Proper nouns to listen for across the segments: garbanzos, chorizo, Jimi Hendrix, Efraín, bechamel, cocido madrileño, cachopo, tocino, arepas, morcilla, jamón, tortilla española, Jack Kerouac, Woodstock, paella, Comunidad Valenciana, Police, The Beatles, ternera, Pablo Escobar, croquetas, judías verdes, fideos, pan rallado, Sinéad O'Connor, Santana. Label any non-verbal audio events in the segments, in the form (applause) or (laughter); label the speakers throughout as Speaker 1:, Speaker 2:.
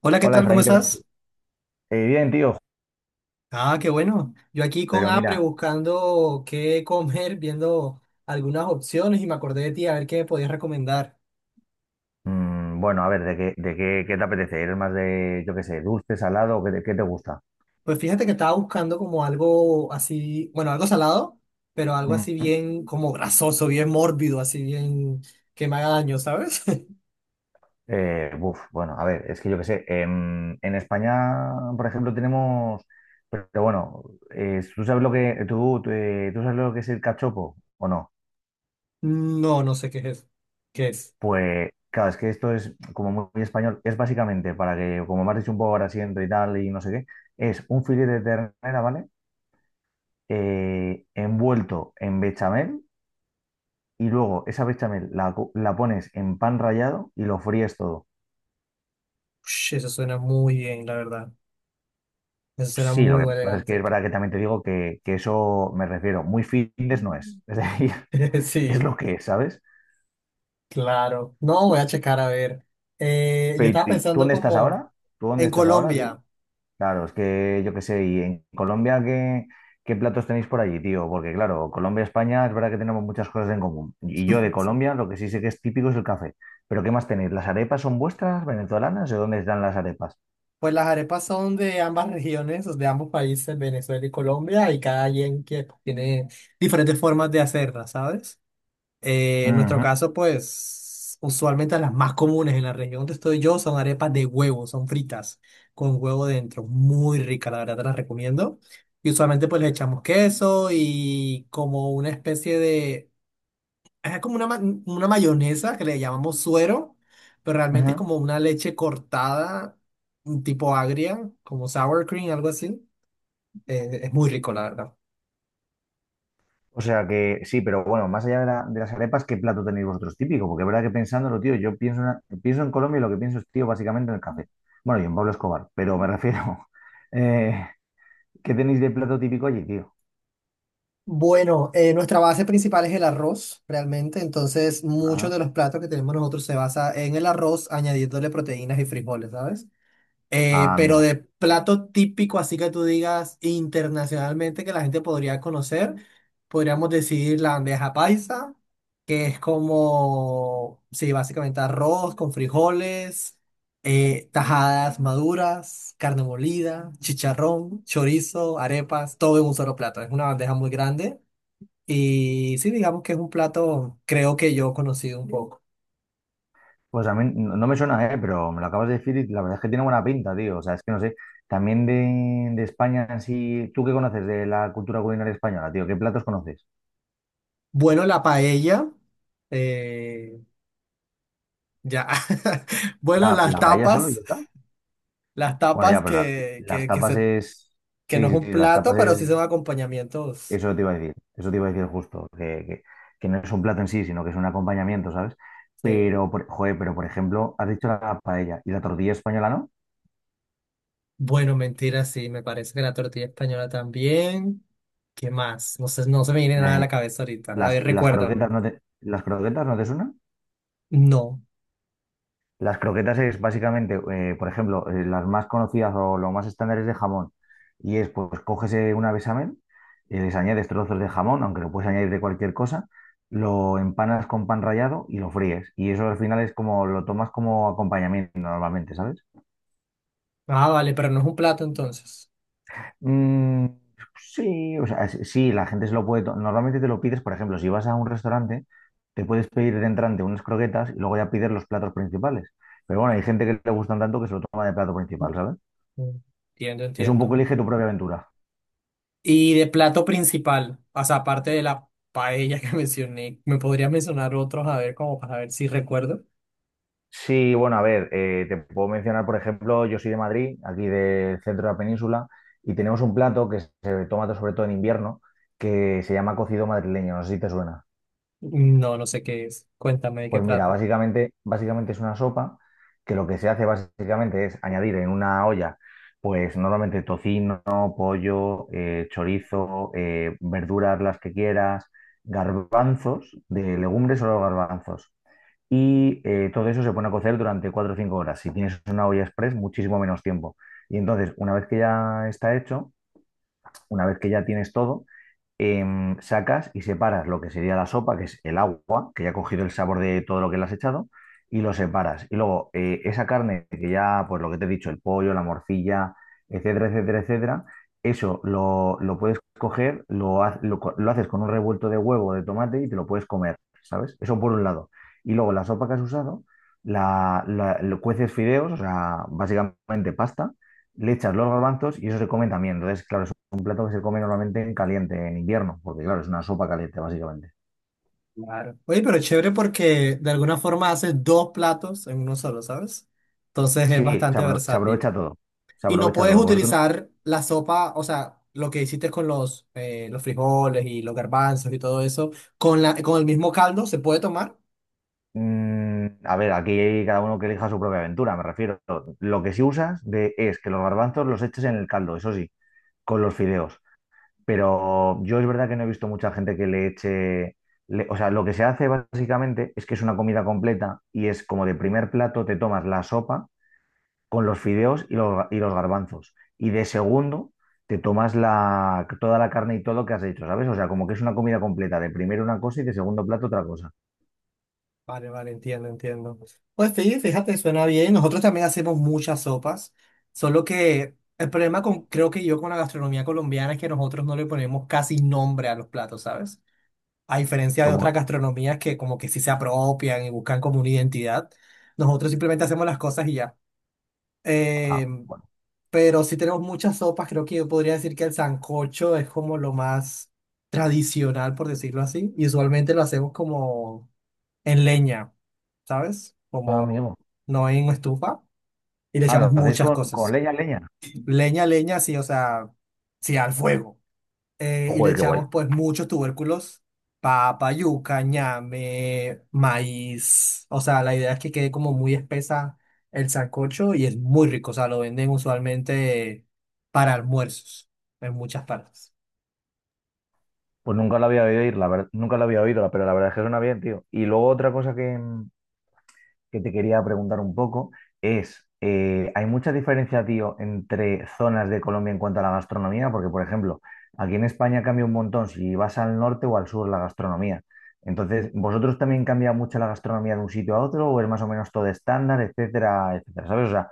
Speaker 1: Hola, ¿qué
Speaker 2: Hola
Speaker 1: tal? ¿Cómo
Speaker 2: Efraín, ¿qué tal?
Speaker 1: estás?
Speaker 2: Bien, tío,
Speaker 1: Ah, qué bueno. Yo aquí con
Speaker 2: pero
Speaker 1: hambre
Speaker 2: mira,
Speaker 1: buscando qué comer, viendo algunas opciones y me acordé de ti a ver qué me podías recomendar.
Speaker 2: bueno, a ver, ¿qué te apetece? ¿Eres más de, yo qué sé, dulce, salado? ¿Qué te gusta?
Speaker 1: Pues fíjate que estaba buscando como algo así, bueno, algo salado, pero algo así
Speaker 2: Mm,
Speaker 1: bien como grasoso, bien mórbido, así bien que me haga daño, ¿sabes? (laughs)
Speaker 2: bueno, a ver, es que yo qué sé, en España, por ejemplo, tenemos, pero, bueno, ¿tú sabes lo que es el cachopo o no?
Speaker 1: No, no sé qué es eso. ¿Qué es?
Speaker 2: Pues, claro, es que esto es como muy, muy español, es básicamente para que, como me has dicho un poco ahora siento y tal y no sé qué, es un filete de ternera, ¿vale? Envuelto en bechamel y luego esa bechamel la pones en pan rallado y lo fríes todo.
Speaker 1: Ush, eso suena muy bien, la verdad. Eso suena
Speaker 2: Sí, lo
Speaker 1: muy
Speaker 2: que pasa es que
Speaker 1: elegante.
Speaker 2: es verdad que también te digo que eso me refiero, muy fitness no es, (laughs) es decir,
Speaker 1: (laughs)
Speaker 2: es
Speaker 1: Sí.
Speaker 2: lo que es, ¿sabes?
Speaker 1: Claro, no voy a checar a ver. Yo
Speaker 2: Pero
Speaker 1: estaba
Speaker 2: ¿y tú
Speaker 1: pensando
Speaker 2: dónde estás
Speaker 1: como
Speaker 2: ahora? ¿Tú dónde
Speaker 1: en
Speaker 2: estás ahora, tío?
Speaker 1: Colombia.
Speaker 2: Claro, es que yo qué sé, y en Colombia, ¿qué platos tenéis por allí, tío? Porque claro, Colombia, España, es verdad que tenemos muchas cosas en común. Y yo de
Speaker 1: Sí.
Speaker 2: Colombia, lo que sí sé que es típico es el café. Pero ¿qué más tenéis? ¿Las arepas son vuestras, venezolanas? ¿De dónde están las arepas?
Speaker 1: Pues las arepas son de ambas regiones, de ambos países, Venezuela y Colombia, y cada quien que pues, tiene diferentes formas de hacerlas, ¿sabes? En nuestro
Speaker 2: Ujú,
Speaker 1: caso, pues usualmente las más comunes en la región donde estoy yo son arepas de huevo, son fritas con huevo dentro, muy rica, la verdad te las recomiendo. Y usualmente pues le echamos queso y como una especie de... Es como una, una mayonesa que le llamamos suero, pero realmente es
Speaker 2: ujú.
Speaker 1: como una leche cortada, un tipo agria, como sour cream, algo así. Es muy rico, la verdad.
Speaker 2: O sea que sí, pero bueno, más allá de, la- de las arepas, ¿qué plato tenéis vosotros típico? Porque es verdad que pensándolo, tío, yo pienso, en pienso en Colombia y lo que pienso es, tío, básicamente en el café. Bueno, y en Pablo Escobar, pero me refiero, (laughs) eh, ¿qué tenéis de plato típico allí, tío?
Speaker 1: Bueno, nuestra base principal es el arroz, realmente. Entonces, muchos
Speaker 2: Ah,
Speaker 1: de los platos que tenemos nosotros se basa en el arroz, añadiéndole proteínas y frijoles, ¿sabes?
Speaker 2: ah,
Speaker 1: Pero
Speaker 2: amigo.
Speaker 1: de plato típico, así que tú digas internacionalmente que la gente podría conocer, podríamos decir la bandeja paisa, que es como, sí, básicamente arroz con frijoles, tajadas maduras, carne molida, chicharrón, chorizo, arepas, todo en un solo plato. Es una bandeja muy grande y sí, digamos que es un plato, creo que yo he conocido un poco.
Speaker 2: Pues a mí no me suena, pero me lo acabas de decir y la verdad es que tiene buena pinta, tío. O sea, es que no sé, también de España, así, ¿tú qué conoces de la cultura culinaria española, tío? ¿Qué platos conoces?
Speaker 1: Bueno, la paella. eh, Ya. (laughs) Bueno, las
Speaker 2: La paella solo y
Speaker 1: tapas,
Speaker 2: ya está?
Speaker 1: las
Speaker 2: Bueno, ya,
Speaker 1: tapas
Speaker 2: pero la-
Speaker 1: que,
Speaker 2: las
Speaker 1: que, que,
Speaker 2: tapas
Speaker 1: se,
Speaker 2: es...
Speaker 1: que
Speaker 2: Sí,
Speaker 1: no es
Speaker 2: sí,
Speaker 1: un
Speaker 2: sí, las
Speaker 1: plato,
Speaker 2: tapas
Speaker 1: pero sí
Speaker 2: es...
Speaker 1: son acompañamientos.
Speaker 2: Eso te iba a decir, eso te iba a decir justo, que no es un plato en sí, sino que es un acompañamiento, ¿sabes?
Speaker 1: Sí.
Speaker 2: Pero, joder, pero por ejemplo, has dicho la paella y la tortilla española, ¿no?
Speaker 1: Bueno, mentira, sí, me parece que la tortilla española también. ¿Qué más? No sé, no se me viene nada a la
Speaker 2: Eh,
Speaker 1: cabeza ahorita. A ver,
Speaker 2: las
Speaker 1: recuérdame.
Speaker 2: croquetas ¿las croquetas no te suenan?
Speaker 1: No.
Speaker 2: Las croquetas es básicamente, por ejemplo, las más conocidas o lo más estándar es de jamón. Y es, pues, coges una bechamel, les añades trozos de jamón, aunque lo puedes añadir de cualquier cosa, lo empanas con pan rallado y lo fríes. Y eso al final es como, lo tomas como acompañamiento normalmente, ¿sabes?
Speaker 1: Ah, vale, pero no es un plato entonces.
Speaker 2: Mm, sí, o sea, sí, la gente se lo puede, normalmente te lo pides, por ejemplo, si vas a un restaurante, te puedes pedir de entrante unas croquetas y luego ya pides los platos principales. Pero bueno, hay gente que le gustan tanto que se lo toma de plato principal, ¿sabes?
Speaker 1: Mm. Entiendo,
Speaker 2: Es un poco
Speaker 1: entiendo.
Speaker 2: elige tu propia aventura.
Speaker 1: Y de plato principal, o sea, aparte de la paella que (laughs) mencioné, ¿me podrías mencionar otros? A ver, como para ver si recuerdo.
Speaker 2: Sí, bueno, a ver, te puedo mencionar, por ejemplo, yo soy de Madrid, aquí del centro de la península, y tenemos un plato que se toma sobre todo en invierno, que se llama cocido madrileño, no sé si te suena.
Speaker 1: No, no sé qué es. Cuéntame de qué
Speaker 2: Pues mira,
Speaker 1: trata.
Speaker 2: básicamente es una sopa que lo que se hace básicamente es añadir en una olla, pues normalmente tocino, pollo, chorizo, verduras las que quieras, garbanzos, de legumbres o garbanzos y todo eso se pone a cocer durante 4 o 5 horas. Si tienes una olla express, muchísimo menos tiempo. Y entonces, una vez que ya está hecho, una vez que ya tienes todo, em, sacas y separas lo que sería la sopa, que es el agua, que ya ha cogido el sabor de todo lo que le has echado, y lo separas. Y luego esa carne que ya, pues lo que te he dicho, el pollo, la morcilla, etcétera, etcétera, etcétera, lo puedes coger, lo, ha- lo co- lo haces con un revuelto de huevo, de tomate y te lo puedes comer, ¿sabes? Eso por un lado. Y luego la sopa que has usado, lo cueces fideos, o sea, básicamente pasta, le echas los garbanzos y eso se come también. Entonces, claro, un plato que se come normalmente en caliente, en invierno, porque claro, es una sopa caliente, básicamente.
Speaker 1: Claro. Oye, pero chévere porque de alguna forma haces dos platos en uno solo, ¿sabes? Entonces es
Speaker 2: Sí, se,
Speaker 1: bastante
Speaker 2: se aprovecha
Speaker 1: versátil.
Speaker 2: todo, se
Speaker 1: Y no
Speaker 2: aprovecha
Speaker 1: puedes
Speaker 2: todo. Vosotros,
Speaker 1: utilizar la sopa, o sea, lo que hiciste con los frijoles y los garbanzos y todo eso, con la, con el mismo caldo, ¿se puede tomar?
Speaker 2: mm, a ver, aquí cada uno que elija su propia aventura, me refiero. Lo que sí es que los garbanzos los eches en el caldo, eso sí, con los fideos. Pero yo es verdad que no he visto mucha gente que le eche... o sea, lo que se hace básicamente es que es una comida completa y es como de primer plato te tomas la sopa con los fideos y los garbanzos. Y de segundo, te tomas la, toda la carne y todo lo que has hecho, ¿sabes? O sea, como que es una comida completa, de primero una cosa y de segundo plato otra cosa.
Speaker 1: Vale, vale, entiendo, entiendo. Pues sí, fíjate, suena bien. Nosotros también hacemos muchas sopas, solo que el problema con, creo que yo con la gastronomía colombiana es que nosotros no le ponemos casi nombre a los platos, ¿sabes? A diferencia de
Speaker 2: Como,
Speaker 1: otras gastronomías que como que sí se apropian y buscan como una identidad, nosotros simplemente hacemos las cosas y ya. Eh,
Speaker 2: bueno,
Speaker 1: pero sí tenemos muchas sopas, creo que yo podría decir que el sancocho es como lo más tradicional, por decirlo así, y usualmente lo hacemos como en leña, ¿sabes?
Speaker 2: ah,
Speaker 1: Como
Speaker 2: amigo.
Speaker 1: no en estufa. Y le
Speaker 2: Ah,
Speaker 1: echamos
Speaker 2: lo hacéis
Speaker 1: muchas
Speaker 2: con
Speaker 1: cosas.
Speaker 2: leña, leña.
Speaker 1: Leña, leña, sí, o sea, sí, al fuego. Y le
Speaker 2: Joder, qué guay.
Speaker 1: echamos pues muchos tubérculos, papa, yuca, ñame, maíz. O sea, la idea es que quede como muy espesa el sancocho y es muy rico. O sea, lo venden usualmente para almuerzos en muchas partes.
Speaker 2: Pues nunca la había oído ir, la verdad, nunca la había oído, pero la verdad es que suena bien, tío. Y luego otra cosa que te quería preguntar un poco es, ¿hay mucha diferencia, tío, entre zonas de Colombia en cuanto a la gastronomía? Porque, por ejemplo, aquí en España cambia un montón si vas al norte o al sur la gastronomía. Entonces, ¿vosotros también cambia mucho la gastronomía de un sitio a otro o es más o menos todo estándar, etcétera, etcétera? ¿Sabes? O sea,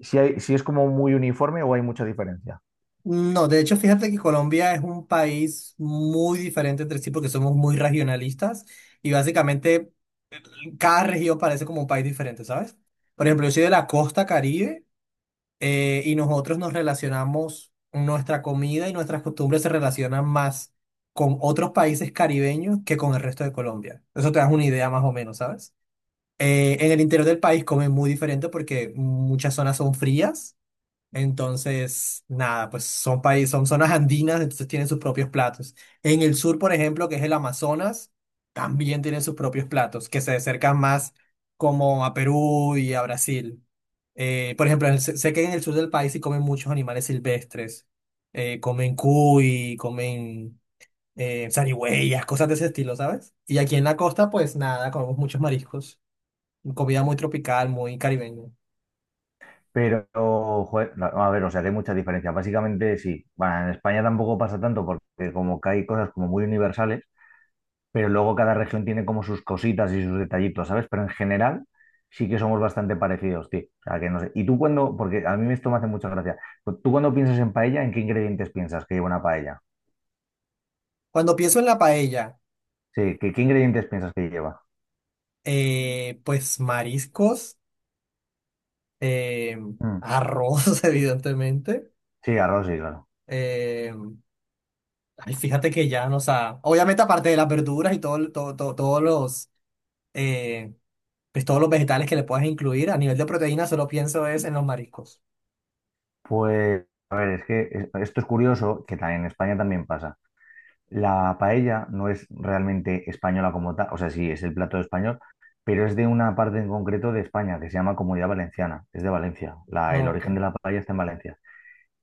Speaker 2: si es como muy uniforme o hay mucha diferencia.
Speaker 1: No, de hecho, fíjate que Colombia es un país muy diferente entre sí porque somos muy regionalistas y básicamente cada región parece como un país diferente, ¿sabes? Por ejemplo, yo soy de la costa Caribe, y nosotros nos relacionamos, nuestra comida y nuestras costumbres se relacionan más con otros países caribeños que con el resto de Colombia. Eso te das una idea más o menos, ¿sabes? En el interior del país comen muy diferente porque muchas zonas son frías. Entonces, nada, pues son países, son zonas andinas, entonces tienen sus propios platos. En el sur, por ejemplo, que es el Amazonas, también tienen sus propios platos, que se acercan más como a Perú y a Brasil. Por ejemplo, sé que en el sur del país se comen muchos animales silvestres. Comen cuy, comen zarigüeyas, cosas de ese estilo, ¿sabes? Y aquí en la costa, pues nada, comemos muchos mariscos. Comida muy tropical, muy caribeña.
Speaker 2: Pero, joder, no, a ver, o sea, que hay mucha diferencia. Básicamente sí. Bueno, en España tampoco pasa tanto porque como que hay cosas como muy universales pero luego cada región tiene como sus cositas y sus detallitos, ¿sabes? Pero en general sí que somos bastante parecidos, tío. O sea, que no sé. Porque a mí esto me hace mucha gracia, pues tú cuando piensas en paella, ¿en qué ingredientes piensas que lleva una paella?
Speaker 1: Cuando pienso en la paella.
Speaker 2: Sí, ¿qué ingredientes piensas que lleva?
Speaker 1: Pues mariscos, eh,
Speaker 2: Mm,
Speaker 1: arroz, (laughs) evidentemente.
Speaker 2: sí, arroz, sí, claro.
Speaker 1: Eh, ay, fíjate que ya, no, o sea, obviamente aparte de las verduras y todo, todo, todos los, eh, pues todos los vegetales que le puedas incluir, a nivel de proteína solo pienso es en los mariscos.
Speaker 2: Pues, a ver, es que esto es curioso, que también en España también pasa. La paella no es realmente española como tal, o sea, sí, es el plato español, pero es de una parte en concreto de España que se llama Comunidad Valenciana, es de Valencia, el
Speaker 1: No, ok.
Speaker 2: origen de la paella está en Valencia.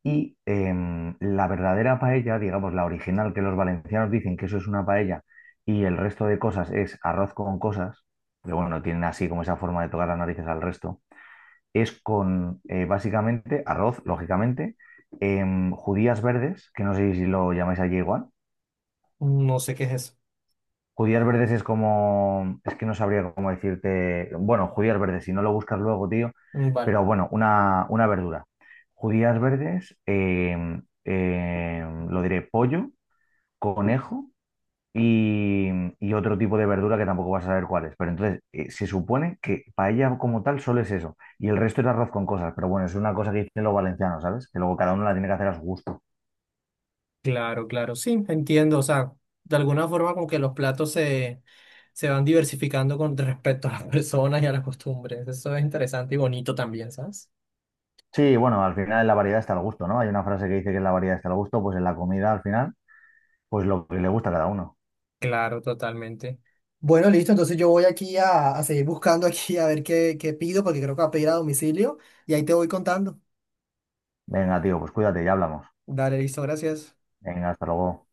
Speaker 2: Y em, la verdadera paella, digamos, la original que los valencianos dicen que eso es una paella y el resto de cosas es arroz con cosas, pero bueno, tienen así como esa forma de tocar las narices al resto, es con básicamente arroz, lógicamente, em, judías verdes, que no sé si lo llamáis allí igual.
Speaker 1: No sé qué es eso.
Speaker 2: Judías verdes es como, es que no sabría cómo decirte, bueno, judías verdes, si no lo buscas luego, tío,
Speaker 1: Mm. Vale.
Speaker 2: pero bueno, una verdura. Judías verdes, lo diré, pollo, conejo y, y otro tipo de verdura que tampoco vas a saber cuál es. Pero entonces, se supone que paella como tal solo es eso, y el resto es arroz con cosas, pero bueno, es una cosa que dicen los valencianos, ¿sabes? Que luego cada uno la tiene que hacer a su gusto.
Speaker 1: Claro, claro, sí, entiendo. O sea, de alguna forma como que los platos se, se van diversificando con respecto a las (laughs) personas y a las costumbres. Eso es interesante y bonito también, ¿sabes?
Speaker 2: Sí, bueno, al final en la variedad está el gusto, ¿no? Hay una frase que dice que en la variedad está el gusto, pues en la comida al final. Pues lo que le gusta a cada uno.
Speaker 1: Claro, totalmente. Bueno, listo, entonces yo voy aquí a seguir buscando aquí a ver qué, qué pido, porque creo que va a pedir a domicilio y ahí te voy contando.
Speaker 2: Venga, tío, pues cuídate, y hablamos.
Speaker 1: Dale, listo, gracias.
Speaker 2: Venga, hasta luego.